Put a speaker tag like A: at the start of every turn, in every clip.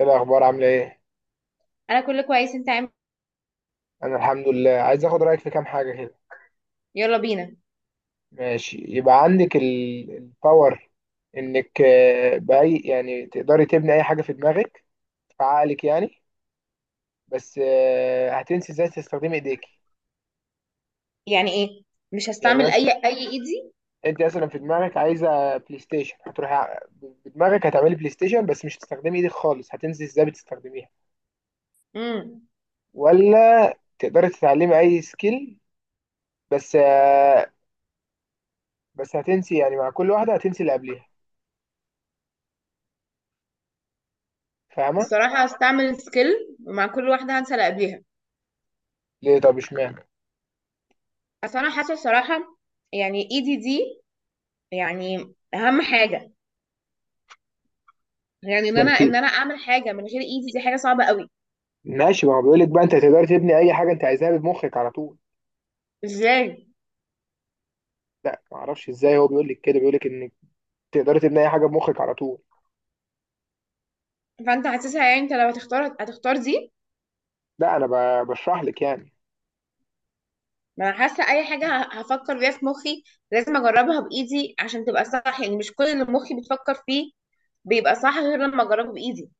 A: ايه الاخبار، عامله ايه؟
B: انا كله كويس. انت عامل
A: انا الحمد لله، عايز اخد رايك في كام حاجه كده.
B: إيه؟ يلا بينا.
A: ماشي. يبقى عندك ال- الباور انك باي يعني تقدري تبني اي حاجه في دماغك، في عقلك يعني. بس هتنسي ازاي تستخدمي ايديكي.
B: يعني ايه؟ مش
A: يعني
B: هستعمل
A: مثلا
B: اي ايدي.
A: انت مثلا في دماغك عايزه بلاي ستيشن، بدماغك هتعملي بلاي ستيشن بس مش هتستخدمي ايدك خالص، هتنسي ازاي بتستخدميها.
B: امم
A: ولا تقدري تتعلمي اي سكيل، بس بس هتنسي يعني. مع كل واحده هتنسي اللي قبليها. فاهمه؟
B: الصراحه هستعمل سكيل، ومع كل واحده هنسى اللي قبليها.
A: ليه؟ طب اشمعنى؟
B: اصل انا حاسه الصراحه، يعني ايدي دي يعني اهم حاجه، يعني ان
A: ما
B: انا
A: انت
B: ان انا اعمل حاجه من غير ايدي دي حاجه صعبه قوي.
A: ماشي، ما هو بيقول لك بقى انت تقدر تبني اي حاجه انت عايزها بمخك على طول.
B: ازاي؟
A: لا ما اعرفش ازاي، هو بيقول لك كده، بيقول لك انك تقدر تبني اي حاجه بمخك على طول.
B: فانت حاسسها، يعني انت لو هتختار هتختار دي.
A: لا انا بشرح لك يعني.
B: ما انا حاسه اي حاجه هفكر فيها في مخي، لازم اجربها بايدي عشان تبقى صح. يعني مش كل اللي مخي بتفكر فيه بيبقى صح غير لما اجربه بايدي.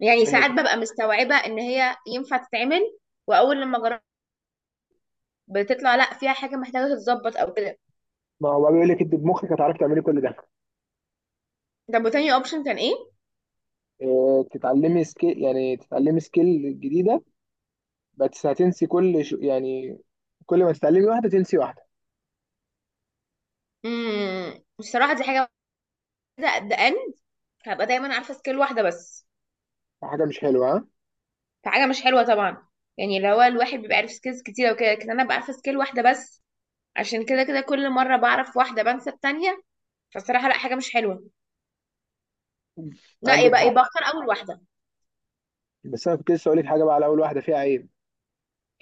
B: يعني ساعات ببقى مستوعبة ان هي ينفع تتعمل، واول لما جربت بتطلع لا، فيها حاجة محتاجة تتظبط او كده.
A: ما هو بيقول لك انت بمخك هتعرفي تعملي كل ده.
B: طب وتاني اوبشن كان ايه؟
A: اه تتعلمي سكيل، يعني تتعلمي سكيل جديده، بس هتنسي كل يعني، كل ما تتعلمي واحده تنسي واحده.
B: الصراحة دي حاجة واحدة، قد ان هبقى دايما عارفة سكيل واحدة بس،
A: حاجه مش حلوه، ها؟
B: فحاجة مش حلوة طبعا. يعني اللي هو الواحد بيبقى عارف سكيلز كتيرة وكده، لكن انا ببقى عارفة سكيل واحدة بس. عشان كده كده كل مرة بعرف واحدة بنسى التانية. فالصراحة لا، حاجة مش حلوة. لا،
A: عندك
B: يبقى
A: حق.
B: يبقى اختار اول واحدة.
A: بس انا كنت لسه اقول لك حاجه بقى، على اول واحده فيها عيب.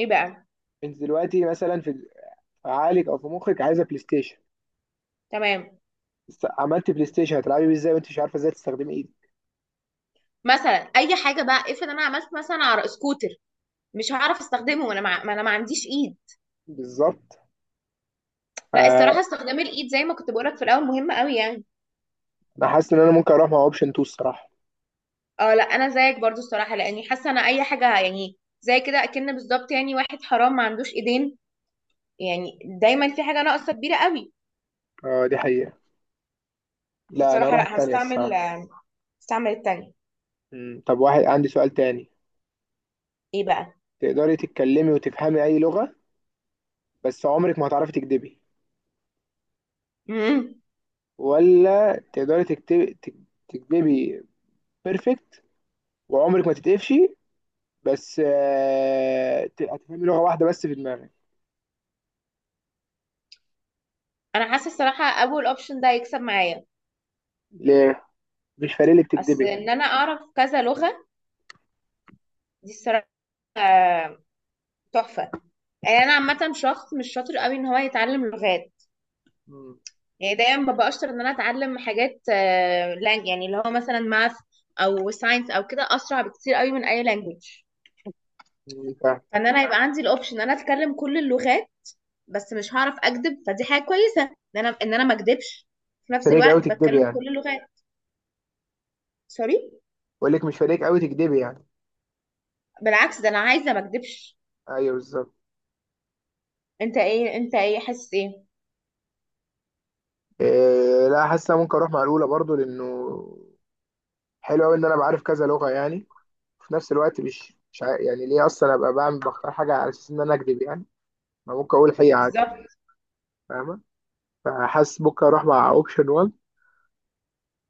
B: ايه بقى؟
A: انت دلوقتي مثلا في عقلك او في مخك عايزه بلاي ستيشن.
B: تمام.
A: بس عملت بلاي ستيشن، هتلعبي بيه ازاي وانت مش عارفه ازاي تستخدمي ايدك؟
B: مثلا اي حاجة بقى، افرض انا عملت مثلا على سكوتر، مش هعرف استخدمه وانا ما انا ما عنديش ايد.
A: بالظبط.
B: لا، الصراحه
A: آه.
B: استخدام الايد زي ما كنت بقولك في الاول مهم قوي يعني.
A: انا حاسس ان انا ممكن اروح مع اوبشن 2 الصراحه.
B: اه لا، انا زيك برضو الصراحه، لاني حاسه انا اي حاجه يعني زي كده اكن بالظبط، يعني واحد حرام ما عندوش ايدين. يعني دايما في حاجه ناقصه كبيره قوي.
A: آه دي حقيقه. لا انا
B: فالصراحه
A: اروح
B: لا،
A: التانية
B: هستعمل
A: الصراحه.
B: هستعمل التانية.
A: مم. طب واحد، عندي سؤال تاني.
B: ايه بقى؟
A: تقدري تتكلمي وتفهمي اي لغه بس عمرك ما هتعرفي تكدبي،
B: امم
A: ولا تقدري تكدبي بيرفكت وعمرك ما تتقفشي، بس هتفهمي لغه واحده بس في دماغك.
B: انا حاسه الصراحه اول اوبشن ده هيكسب معايا.
A: ليه؟ مش فارق لك
B: اصل
A: تكدبي
B: ان
A: يعني؟
B: انا اعرف كذا لغه دي الصراحه آه، تحفه. يعني انا عامه شخص مش شاطر قوي ان هو يتعلم لغات.
A: مم.
B: يعني دايما ببقى اشطر ان انا اتعلم حاجات، يعني اللي هو مثلا ماث او ساينس او كده اسرع بكتير قوي من اي لانجوج.
A: مم، فاهم.
B: فان انا يبقى عندي الاوبشن ان انا اتكلم كل اللغات، بس مش هعرف اكذب، فدي حاجه كويسه ان انا ما اكذبش في
A: مش
B: نفس
A: فارق قوي
B: الوقت
A: تكدبي
B: بتكلم
A: يعني؟
B: كل اللغات. سوري.
A: بقول لك مش فارق قوي تكدبي يعني؟
B: بالعكس ده انا عايزه ما اكذبش.
A: ايوه بالظبط.
B: انت ايه حاسس ايه؟
A: إيه، لا، حاسس أنا ممكن اروح مع الاولى برضو لانه حلو قوي ان انا بعرف كذا لغه يعني، وفي نفس الوقت مش مش عا- يعني ليه اصلا ابقى بعمل بختار حاجه على اساس ان انا اكذب يعني؟ ما ممكن اقول حقيقه عادي.
B: بالظبط.
A: فاهمه؟ فحاسس ممكن اروح مع اوبشن 1.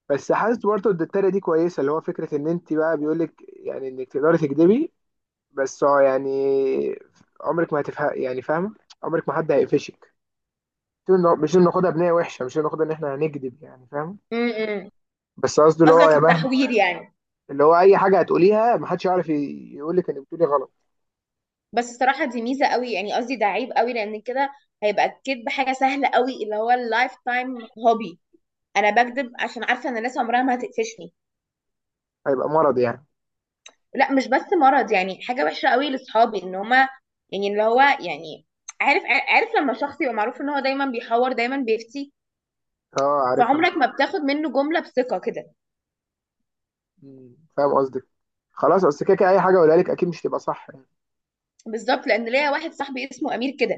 A: بس حاسس برضو ان التانية دي كويسه، اللي هو فكره ان انت بقى، بيقول لك يعني انك تقدري تكذبي، بس هو يعني عمرك ما هتفهم يعني. فاهمه؟ عمرك ما حد هيقفشك. مش إنه ناخدها بنية وحشه، مش إنه ناخدها ان احنا هنكذب يعني. فاهم؟
B: امم
A: بس قصدي اللي هو
B: قصدك
A: يا مهما،
B: التحوير يعني.
A: اللي هو اي حاجه هتقوليها محدش يعرف يقولك انك بتقولي غلط.
B: بس الصراحه دي ميزه قوي، يعني قصدي ده عيب قوي، لان كده هيبقى الكذب حاجه سهله قوي، اللي هو اللايف تايم هوبي. انا بكذب عشان عارفه ان الناس عمرها ما هتقفشني.
A: هيبقى مرض يعني.
B: لا، مش بس مرض، يعني حاجه وحشه قوي لاصحابي ان هما، يعني اللي هو يعني عارف. عارف لما شخص يبقى معروف ان هو دايما بيحور دايما بيفتي،
A: اه، عارفها
B: فعمرك
A: من-
B: ما بتاخد منه جمله بثقه كده.
A: مم. فاهم قصدك. خلاص. اصل كده كده اي حاجه اقولها لك اكيد مش تبقى صح يعني.
B: بالظبط، لان ليا واحد صاحبي اسمه امير كده.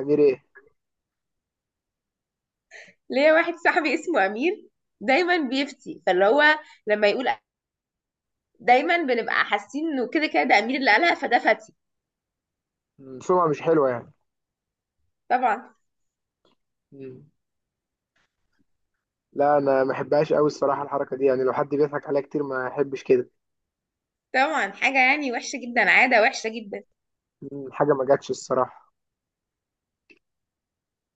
A: غير ايه؟
B: ليا واحد صاحبي اسمه امير دايما بيفتي، فاللي هو لما يقول دايما بنبقى حاسين انه كده كده ده امير اللي قالها فده فتي.
A: مم. سمعه مش حلوه يعني.
B: طبعا.
A: مم. لا انا ما بحبهاش قوي الصراحه الحركه دي يعني. لو حد بيضحك عليا كتير ما احبش كده.
B: طبعا حاجه يعني وحشه جدا، عاده وحشه جدا.
A: مم. حاجه ما جاتش الصراحه.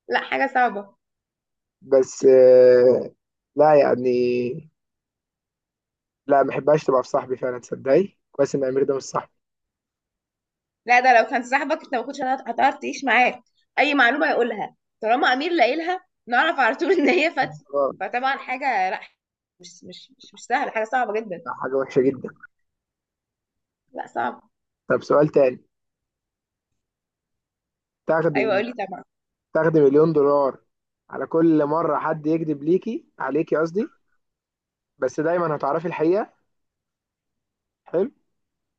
B: لا حاجه صعبه.
A: بس لا يعني، لا ما بحبهاش تبقى في صاحبي فعلا. تصدقي كويس ان امير ده مش صاحبي.
B: لا، ده لو كان صاحبك انت ما كنتش هتعرف تعيش معاه. اي معلومه يقولها طالما امير لاقيلها نعرف على طول ان هي فتحي.
A: اه.
B: فطبعا حاجه لا، مش سهله، حاجه صعبه جدا.
A: ده حاجه وحشه جدا.
B: لا صعب.
A: طب سؤال تاني. تاخدي
B: ايوه قولي طبعا.
A: تاخدي مليون دولار على كل مرة حد يكذب ليكي، عليكي قصدي، بس دايما هتعرفي الحقيقة. حلو؟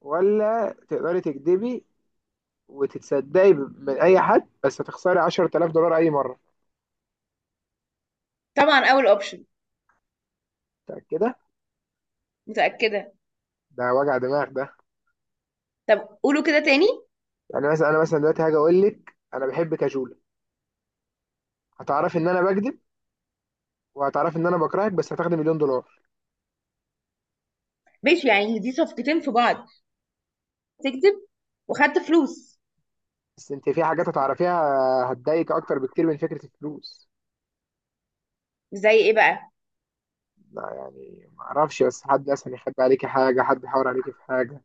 A: ولا تقدري تكذبي وتتصدقي من أي حد بس هتخسري 10,000 دولار أي مرة.
B: طبعا اول اوبشن.
A: متأكدة؟
B: متاكده.
A: ده وجع دماغ ده.
B: طب قولوا كده تاني.
A: يعني مثلا أنا مثلا دلوقتي هاجي أقول لك أنا بحبك يا جولة، هتعرفي إن أنا بكذب وهتعرفي إن أنا بكرهك، بس هتاخدي مليون دولار.
B: ماشي يعني دي صفقتين في بعض، تكذب وخدت فلوس.
A: بس أنت في حاجات هتعرفيها هتضايقك أكتر بكتير من فكرة الفلوس.
B: زي ايه بقى؟
A: لا يعني معرفش، بس حد مثلا يخبي عليكي حاجة، حد يحاور عليكي في حاجة،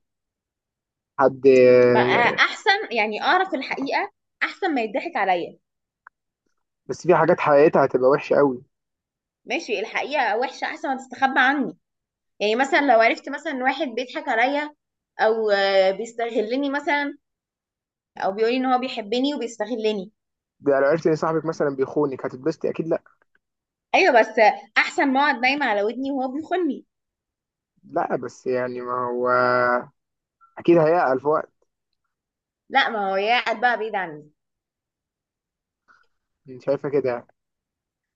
A: حد.
B: بقى احسن يعني اعرف الحقيقه احسن ما يضحك عليا.
A: بس في حاجات حقيقتها هتبقى وحشة قوي.
B: ماشي، الحقيقه وحشه احسن ما تستخبى عني. يعني مثلا لو عرفت مثلا ان واحد بيضحك عليا، او بيستغلني مثلا، او بيقولي ان هو بيحبني وبيستغلني.
A: ده لو عرفت ان صاحبك مثلا بيخونك، هتتبسطي اكيد؟ لا.
B: ايوه بس احسن ما اقعد نايمه على ودني وهو بيخوني.
A: لا بس يعني ما هو اكيد هيعقل في وقت.
B: لا، ما هو يا قاعد بقى بعيد عني.
A: انت شايفة كده؟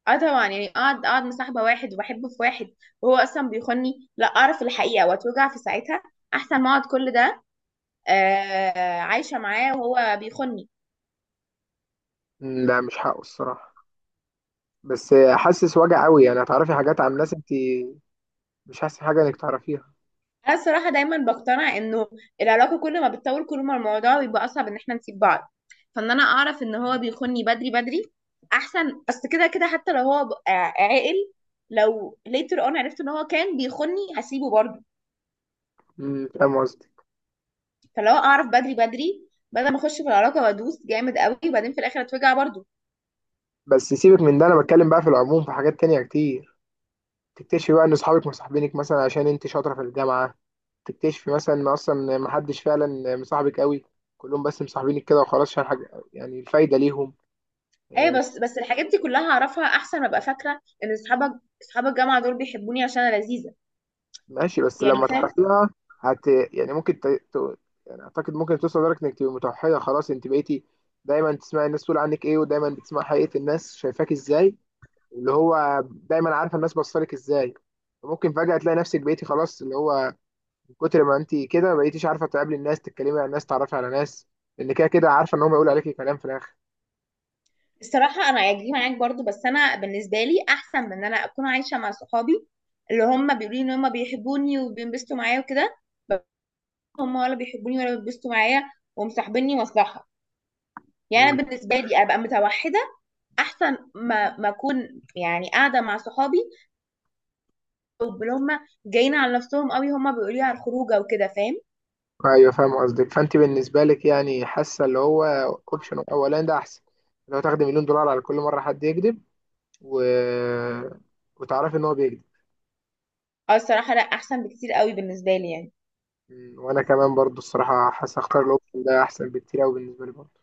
B: اه طبعا، يعني اقعد مصاحبه واحد وبحبه في واحد وهو اصلا بيخوني، لا اعرف الحقيقه واتوجع في ساعتها احسن ما اقعد كل ده عايشه معاه وهو بيخوني.
A: م، لا مش حقه الصراحة. بس حاسس وجع قوي يعني، هتعرفي حاجات عن ناس انت مش حاسس حاجة انك تعرفيها.
B: انا الصراحه دايما بقتنع انه العلاقه كل ما بتطول كل ما الموضوع بيبقى اصعب ان احنا نسيب بعض. فان انا اعرف ان هو بيخوني بدري بدري احسن. اصل كده كده حتى لو هو عاقل، لو later on عرفت ان هو كان بيخوني هسيبه برضه.
A: فاهم قصدي.
B: فلو اعرف بدري بدري بدل ما اخش في العلاقه وادوس جامد قوي وبعدين في الاخر اتوجع برضه.
A: بس سيبك من ده، انا بتكلم بقى في العموم في حاجات تانية كتير. تكتشفي بقى ان صحابك مصاحبينك مثلا عشان انت شاطرة في الجامعة. تكتشفي مثلا ان اصلا محدش فعلا مصاحبك قوي، كلهم بس مصاحبينك كده وخلاص عشان حاجة يعني الفايدة ليهم.
B: ايوه
A: إيه،
B: بس الحاجات دي كلها اعرفها احسن ما ابقى فاكره ان اصحاب الجامعه دول بيحبوني عشان انا لذيذه.
A: ماشي. بس
B: يعني
A: لما
B: فاهم.
A: تعرفيها هت يعني ممكن يعني اعتقد ممكن توصل لدرجه انك تبقي متوحده خلاص انت بقيتي دايما تسمعي الناس تقول عنك ايه، ودايما بتسمعي حقيقه الناس شايفاك ازاي، اللي هو دايما عارفه الناس بصلك ازاي. ممكن فجاه تلاقي نفسك بقيتي خلاص اللي هو من كتر ما انت كده بقيتيش عارفه تقابلي الناس، تتكلمي عن الناس، تعرفي على ناس، لان كده كده عارفه ان هم يقولوا عليكي كلام في الاخر.
B: الصراحة أنا هيجي معاك برضو، بس أنا بالنسبة لي أحسن من إن أنا أكون عايشة مع صحابي اللي هم بيقولوا لي إن هم بيحبوني وبينبسطوا معايا وكده، بس هم ولا بيحبوني ولا بينبسطوا معايا ومصاحبيني مصلحة. يعني
A: مم.
B: أنا بالنسبة لي أبقى متوحدة أحسن ما أكون يعني قاعدة مع صحابي واللي هم جايين على نفسهم قوي هم بيقولوا لي على الخروجة وكده، فاهم.
A: ايوه فاهم قصدك. فانت بالنسبه لك يعني حاسه اللي هو اوبشن اولان ده احسن لو تاخدي مليون دولار على كل مره حد يكذب و... وتعرفي ان هو بيكذب.
B: أو الصراحة لا، أحسن بكتير قوي بالنسبة لي يعني.
A: م، وانا كمان برضو الصراحه حاسس اختار الاوبشن ده احسن بكتير قوي بالنسبه لي برضو.